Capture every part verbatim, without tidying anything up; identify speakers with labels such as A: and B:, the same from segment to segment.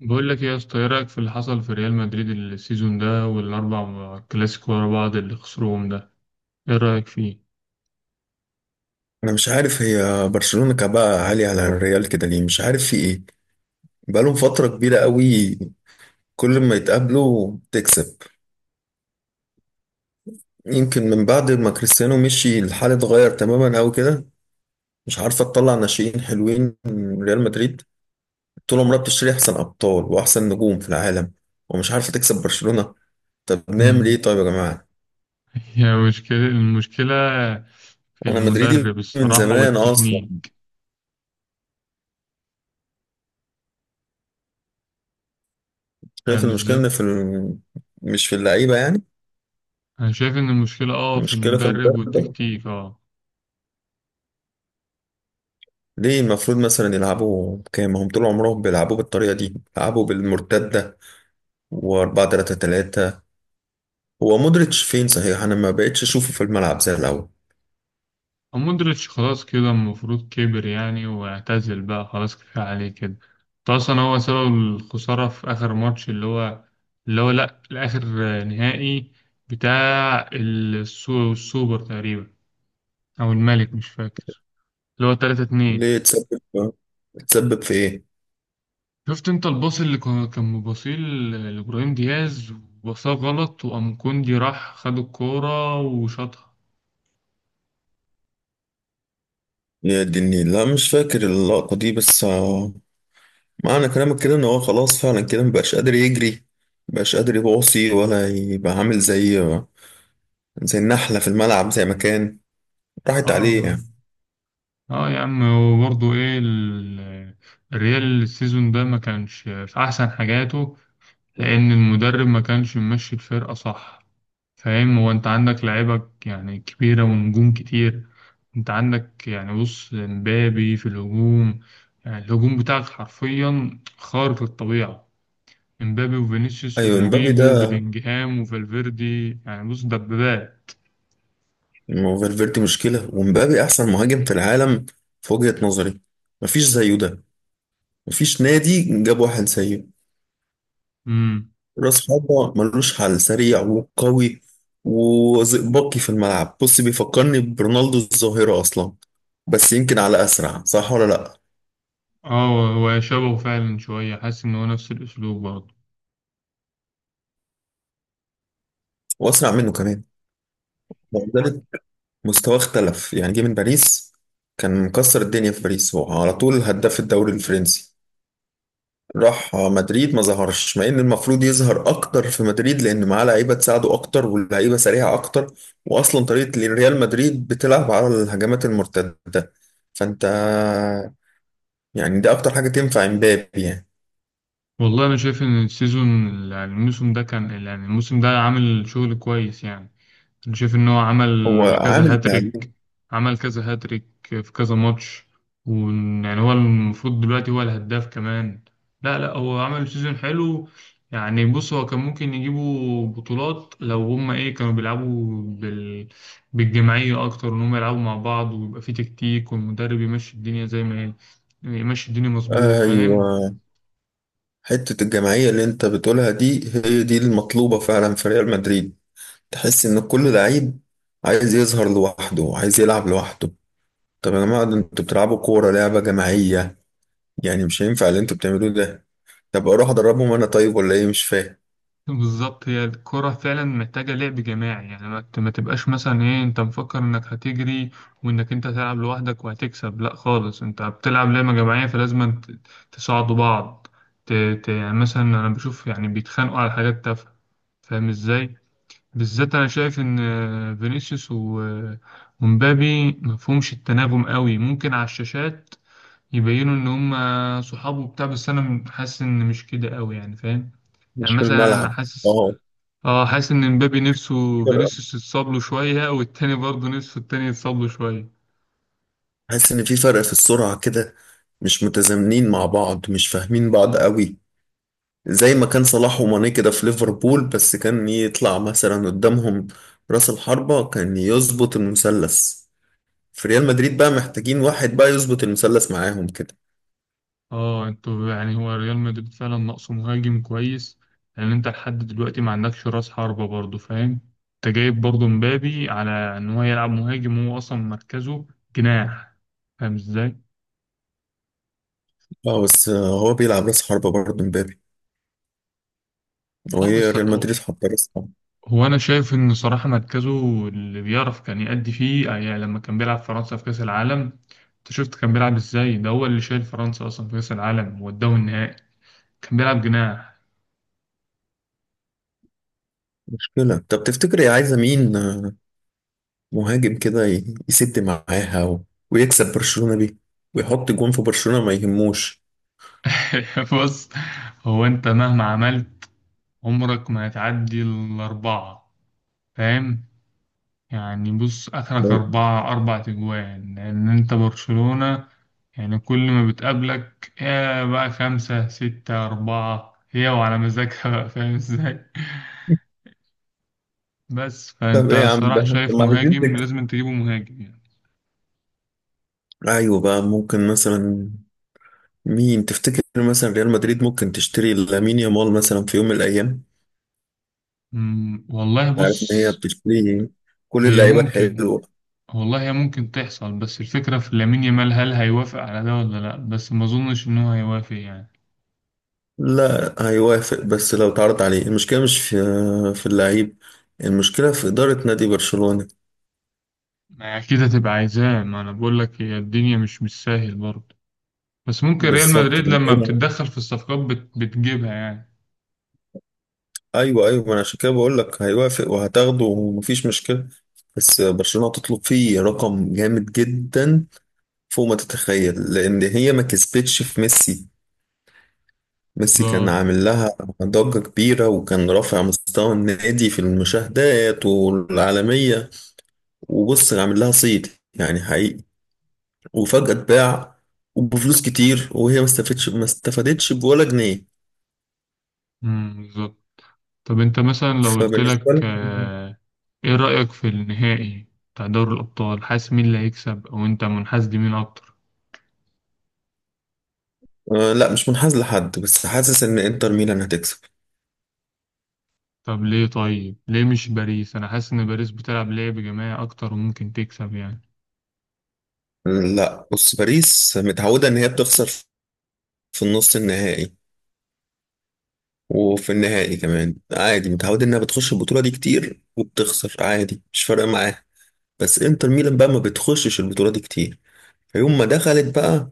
A: بقول لك إيه يا اسطى، ايه رايك في اللي حصل في ريال مدريد السيزون ده والاربع كلاسيكو ورا بعض اللي خسروهم ده؟ ايه رايك فيه؟
B: انا مش عارف، هي برشلونة كعبها عالي على الريال كده ليه؟ مش عارف في ايه. بقالهم فترة كبيرة قوي. كل ما يتقابلوا تكسب. يمكن من بعد ما كريستيانو مشي الحال اتغير تماما قوي كده. مش عارفة تطلع ناشئين حلوين من ريال مدريد. طول عمرها بتشتري احسن ابطال واحسن نجوم في العالم ومش عارفة تكسب برشلونة. طب نعمل ايه
A: امم
B: طيب يا جماعة؟
A: هي مشكله، المشكله في
B: انا مدريدي
A: المدرب
B: من
A: الصراحه،
B: زمان اصلا.
A: والتكنيك.
B: شايف
A: فاهم
B: المشكلة
A: ازاي؟
B: إن في ال... مش في اللعيبة يعني.
A: انا شايف ان المشكله اه في
B: المشكلة في
A: المدرب
B: المدرب.
A: والتكتيك اه.
B: ليه المفروض مثلا يلعبوا كام؟ ما هم طول عمرهم بيلعبوا بالطريقة دي، بيلعبوا بالمرتدة و4 ثلاثة ثلاثة. هو مودريتش فين صحيح؟ انا ما بقتش اشوفه في الملعب زي الاول.
A: مودريتش خلاص كده المفروض كبر يعني واعتزل بقى، خلاص كفاية عليه كده. ده أصلا هو سبب الخسارة في آخر ماتش، اللي هو اللي هو لأ، الآخر، نهائي بتاع السو- السوبر تقريبا، أو الملك مش فاكر، اللي هو تلاتة اتنين.
B: ليه تسبب تسبب في ايه؟
A: شفت أنت الباص اللي كان كان مباصيه ل- لإبراهيم دياز وباصاه غلط، وقام كوندي راح خد الكورة وشاطها.
B: يا دني لا مش فاكر اللقطة دي بس آه، معنى كلامك كده ان هو خلاص فعلا كده مبقاش قادر يجري، مبقاش قادر يباصي ولا يبقى عامل زي آه، زي النحلة في الملعب زي ما كان. راحت عليه
A: آه.
B: يعني.
A: اه يا عم، وبرضه ايه ال- الريال السيزون ده ما كانش في احسن حاجاته، لان المدرب ما كانش ممشي الفرقه صح. فاهم؟ هو انت عندك لعيبه يعني كبيره ونجوم كتير، انت عندك يعني بص امبابي في الهجوم، يعني الهجوم بتاعك حرفيا خارق للطبيعه. امبابي وفينيسيوس
B: ايوه امبابي
A: ورودريجو
B: ده،
A: بلينجهام وفالفيردي، يعني بص دبابات.
B: ما هو فالفيردي مشكلة ومبابي أحسن مهاجم في العالم في وجهة نظري. مفيش زيه ده. مفيش نادي جاب واحد زيه.
A: امم
B: راس حربة ملوش حل، سريع وقوي وزئبقي في الملعب. بص بيفكرني برونالدو الظاهرة أصلا. بس يمكن على أسرع صح ولا لأ.
A: اه هو شبهه فعلا شويه، حاسس ان هو نفس الاسلوب برضه.
B: وأسرع منه كمان وذلك. مستواه اختلف يعني. جه من باريس كان مكسر الدنيا في باريس، هو على طول هداف الدوري الفرنسي. راح مدريد ما ظهرش، مع ان المفروض يظهر اكتر في مدريد لان معاه لعيبه تساعده اكتر واللعيبه سريعه اكتر. واصلا طريقه ريال مدريد بتلعب على الهجمات المرتده. فانت، يعني ده اكتر حاجه تنفع امبابي يعني.
A: والله انا شايف ان السيزون، يعني الموسم ده كان يعني الموسم ده عامل شغل كويس يعني. انا شايف ان هو عمل
B: هو عامل
A: كذا
B: اللي عليه.
A: هاتريك، عمل كذا هاتريك في كذا ماتش، ويعني هو المفروض دلوقتي هو الهداف كمان. لا لا هو عمل سيزون حلو، يعني بص هو كان ممكن يجيبوا بطولات لو هما ايه كانوا بيلعبوا بال... بالجماعية اكتر، ان هما يلعبوا مع بعض ويبقى في تكتيك والمدرب يمشي الدنيا زي ما هي، يمشي الدنيا مظبوط. فاهم؟
B: ايوه. حته الجماعيه اللي انت بتقولها دي هي دي المطلوبه فعلا في ريال مدريد. تحس ان كل لعيب عايز يظهر لوحده، عايز يلعب لوحده. طب يا جماعه ده انتوا بتلعبوا كوره، لعبه جماعيه. يعني مش هينفع اللي انتوا بتعملوه ده. طب اروح ادربهم انا طيب ولا ايه؟ مش فاهم.
A: بالظبط، هي الكرة فعلا محتاجة لعب جماعي، يعني ما ت- ما تبقاش مثلا ايه انت مفكر انك هتجري وانك انت هتلعب لوحدك وهتكسب، لا خالص، انت بتلعب لعبة جماعية، فلازم ت- تساعدوا بعض. ت... ت... يعني مثلا انا بشوف يعني بيتخانقوا على حاجات تافهة. فاهم ازاي؟ بالذات انا شايف ان آه، فينيسيوس و... آه، ومبابي مفهومش التناغم قوي، ممكن على الشاشات يبينوا ان هم صحاب وبتاع، بس انا حاسس ان مش كده قوي يعني. فاهم؟ يعني
B: مش في
A: مثلا انا
B: الملعب.
A: حاسس،
B: اه
A: اه حاسس ان مبابي
B: في
A: نفسه
B: فرق.
A: فينيسيوس يتصاب له شويه، والتاني برضه نفسه التاني يتصاب له شويه.
B: حاسس ان في فرق في السرعة كده، مش متزامنين مع بعض، مش فاهمين بعض قوي. زي ما كان صلاح وماني كده في ليفربول، بس كان يطلع مثلا قدامهم راس الحربة كان يظبط المثلث. في ريال مدريد بقى محتاجين واحد بقى يظبط المثلث معاهم كده.
A: اه انتوا، يعني هو ريال مدريد فعلا ناقصه مهاجم كويس، لان انت لحد دلوقتي ما عندكش راس حربه برضه. فاهم؟ انت جايب برضه مبابي على ان هو يلعب مهاجم، وهو اصلا مركزه جناح. فاهم ازاي؟
B: اه بس هو بيلعب راس حربة برضه مبابي،
A: اه
B: وهي
A: بس
B: ريال
A: هو،
B: مدريد حاطة راس حربة.
A: هو انا شايف ان صراحه مركزه اللي بيعرف كان يأدي فيه، آه، يعني لما كان بيلعب فرنسا في كاس العالم، انت شفت كان بيلعب ازاي؟ ده هو اللي شايل فرنسا اصلا في كاس العالم، وداه النهائي. كان بيلعب جناح.
B: مشكلة. طب تفتكر هي عايزة مين؟ مهاجم كده ي- يسد معاها و... ويكسب برشلونة بيه، ويحط جون في برشلونة ما يهموش.
A: بص، هو انت مهما عملت عمرك ما هتعدي الأربعة. فاهم؟ يعني بص آخرك أربعة، أربع تجوان، لأن انت برشلونة، يعني كل ما بتقابلك يا بقى خمسة ستة أربعة، هي وعلى مزاجها بقى. فاهم ازاي؟ بس
B: طب
A: فانت
B: ايه يا عم
A: صراحة
B: ده؟ طب
A: شايف
B: ما عايزين
A: مهاجم
B: نكسب.
A: لازم تجيبه، مهاجم يعني.
B: ايوه بقى، ممكن مثلا. مين تفتكر مثلا ريال مدريد ممكن تشتري لامين يامال مثلا في يوم من الايام؟
A: أمم، والله
B: عارف ان هي
A: بص،
B: بتشتري كل
A: هي
B: اللعيبه
A: ممكن،
B: الحلوه.
A: والله هي ممكن تحصل، بس الفكرة في لامين يامال هل هيوافق على ده ولا لأ، بس ما أظنش إن هو هيوافق يعني.
B: لا هيوافق بس لو اتعرض عليه. المشكله مش في في اللعيب، المشكله في اداره نادي برشلونه.
A: ما هي أكيد هتبقى عايزاه، ما أنا بقول لك هي الدنيا مش مش سهل برضه، بس ممكن ريال
B: بالظبط.
A: مدريد لما بتتدخل في الصفقات بت... بتجيبها يعني.
B: ايوه ايوه، ما انا عشان كده بقول لك هيوافق وهتاخده ومفيش مشكله. بس برشلونه تطلب فيه رقم جامد جدا فوق ما تتخيل، لان هي ما كسبتش في ميسي. ميسي كان
A: بالظبط.
B: عامل لها ضجه كبيره، وكان رافع مستوى النادي في المشاهدات والعالميه. وبص عامل لها صيد يعني حقيقي، وفجاه اتباع وبفلوس كتير، وهي ما استفادتش ما استفادتش بولا جنيه.
A: أمم، بالظبط. طب أنت مثلا لو قلت
B: فبالنسبه
A: لك،
B: لي،
A: آه، إيه رأيك في النهائي بتاع دوري الأبطال؟ حاسس مين اللي هيكسب؟ أو أنت منحاز لمين أكتر؟
B: آه، لا مش منحاز لحد، بس حاسس ان انتر ميلان هتكسب.
A: طب ليه؟ طيب ليه مش باريس؟ أنا حاسس إن باريس بتلعب لعب جماعي أكتر وممكن تكسب يعني.
B: لا بص باريس متعودة إن هي بتخسر في النص النهائي، وفي النهائي كمان عادي. متعودة إنها بتخش البطولة دي كتير وبتخسر عادي، مش فارقة معاها. بس إنتر ميلان بقى ما بتخشش البطولة دي كتير، فيوم ما دخلت بقى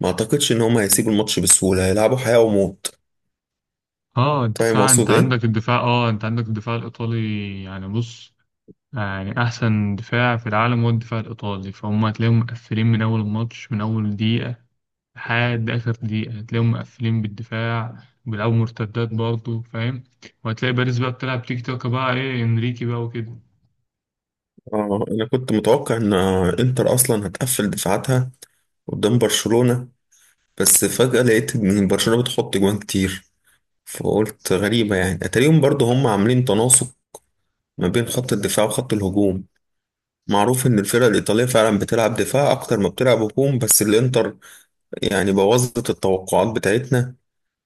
B: ما أعتقدش إن هما هيسيبوا الماتش بسهولة، هيلعبوا حياة وموت.
A: اه
B: فاهم
A: الدفاع، انت
B: أقصد إيه؟
A: عندك الدفاع، اه انت عندك الدفاع الايطالي، يعني بص، آه، يعني احسن دفاع في العالم هو الدفاع الايطالي، فهم هتلاقيهم مقفلين من اول الماتش، من اول دقيقه لحد اخر دقيقه هتلاقيهم مقفلين بالدفاع، بيلعبوا مرتدات برضه. فاهم؟ وهتلاقي باريس بقى بتلعب تيك تاك بقى، ايه انريكي بقى وكده.
B: آه أنا كنت متوقع إن إنتر أصلا هتقفل دفاعاتها قدام برشلونة. بس فجأة لقيت إن برشلونة بتحط جوان كتير، فقلت غريبة يعني. أتاريهم برضو هم عاملين تناسق ما بين خط الدفاع وخط الهجوم. معروف ان الفرق الايطاليه فعلا بتلعب دفاع اكتر ما بتلعب هجوم، بس الانتر يعني بوظت التوقعات بتاعتنا،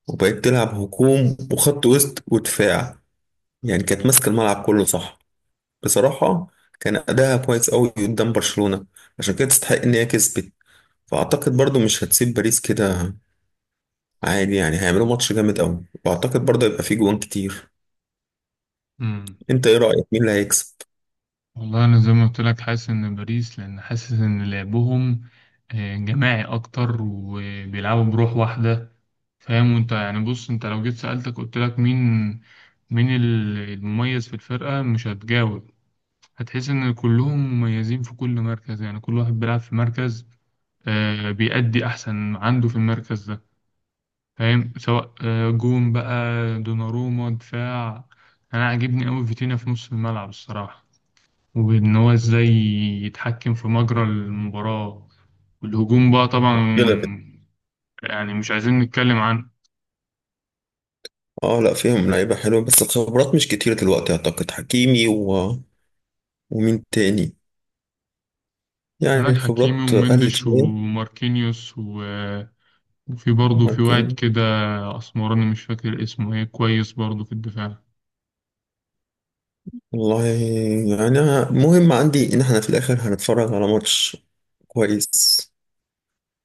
B: وبقت تلعب هجوم وخط وسط ودفاع. يعني كانت ماسكه الملعب كله صح، بصراحه. كان اداها كويس قوي قدام برشلونه، عشان كده تستحق ان هي كسبت. فاعتقد برضو مش هتسيب باريس كده عادي. يعني هيعملوا ماتش جامد قوي، واعتقد برضو هيبقى فيه جوان كتير.
A: امم
B: انت ايه رايك؟ مين اللي هيكسب
A: والله انا زي ما قلت لك حاسس ان باريس، لان حاسس ان لعبهم، آه، جماعي اكتر، وبيلعبوا بروح واحده. فاهم؟ وانت يعني بص، انت لو جيت سألتك قلت لك مين، مين ال- المميز في الفرقة، مش هتجاوب. هتحس ان كلهم مميزين في كل مركز، يعني كل واحد بيلعب في مركز، آه، بيأدي احسن ما عنده في المركز ده. فاهم؟ سواء آه، جون بقى، دوناروما دفاع، انا عاجبني قوي فيتينيا في نص الملعب الصراحة، وان هو ازاي يتحكم في مجرى المباراة، والهجوم بقى طبعا
B: كده؟
A: يعني مش عايزين نتكلم عنه.
B: اه لا، فيهم لعيبة حلوة بس الخبرات مش كتيرة دلوقتي. أعتقد حكيمي و... ومين تاني؟ يعني
A: عندك حكيمي
B: الخبرات قلت
A: ومندش
B: شوية
A: وماركينيوس و... وفي برضه في واحد
B: لكن.
A: كده أسمراني مش فاكر اسمه ايه كويس برضه في الدفاع.
B: والله يعني أنا- مهم عندي إن احنا في الآخر هنتفرج على ماتش كويس.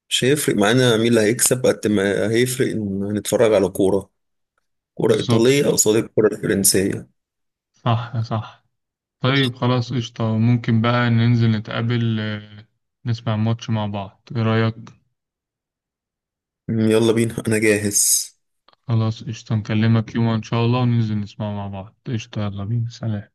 B: مش هيفرق معانا مين اللي هيكسب قد ما هيفرق إن هنتفرج على كورة، كورة
A: بالظبط.
B: إيطالية قصاد الكورة الفرنسية.
A: صح صح. طيب خلاص قشطة، ممكن بقى ننزل نتقابل، آه، نسمع ماتش مع بعض، ايه رأيك؟
B: يلا بينا أنا جاهز.
A: خلاص قشطة، نكلمك يوم إن شاء الله وننزل نسمع مع بعض، قشطة، يلا بينا، سلام.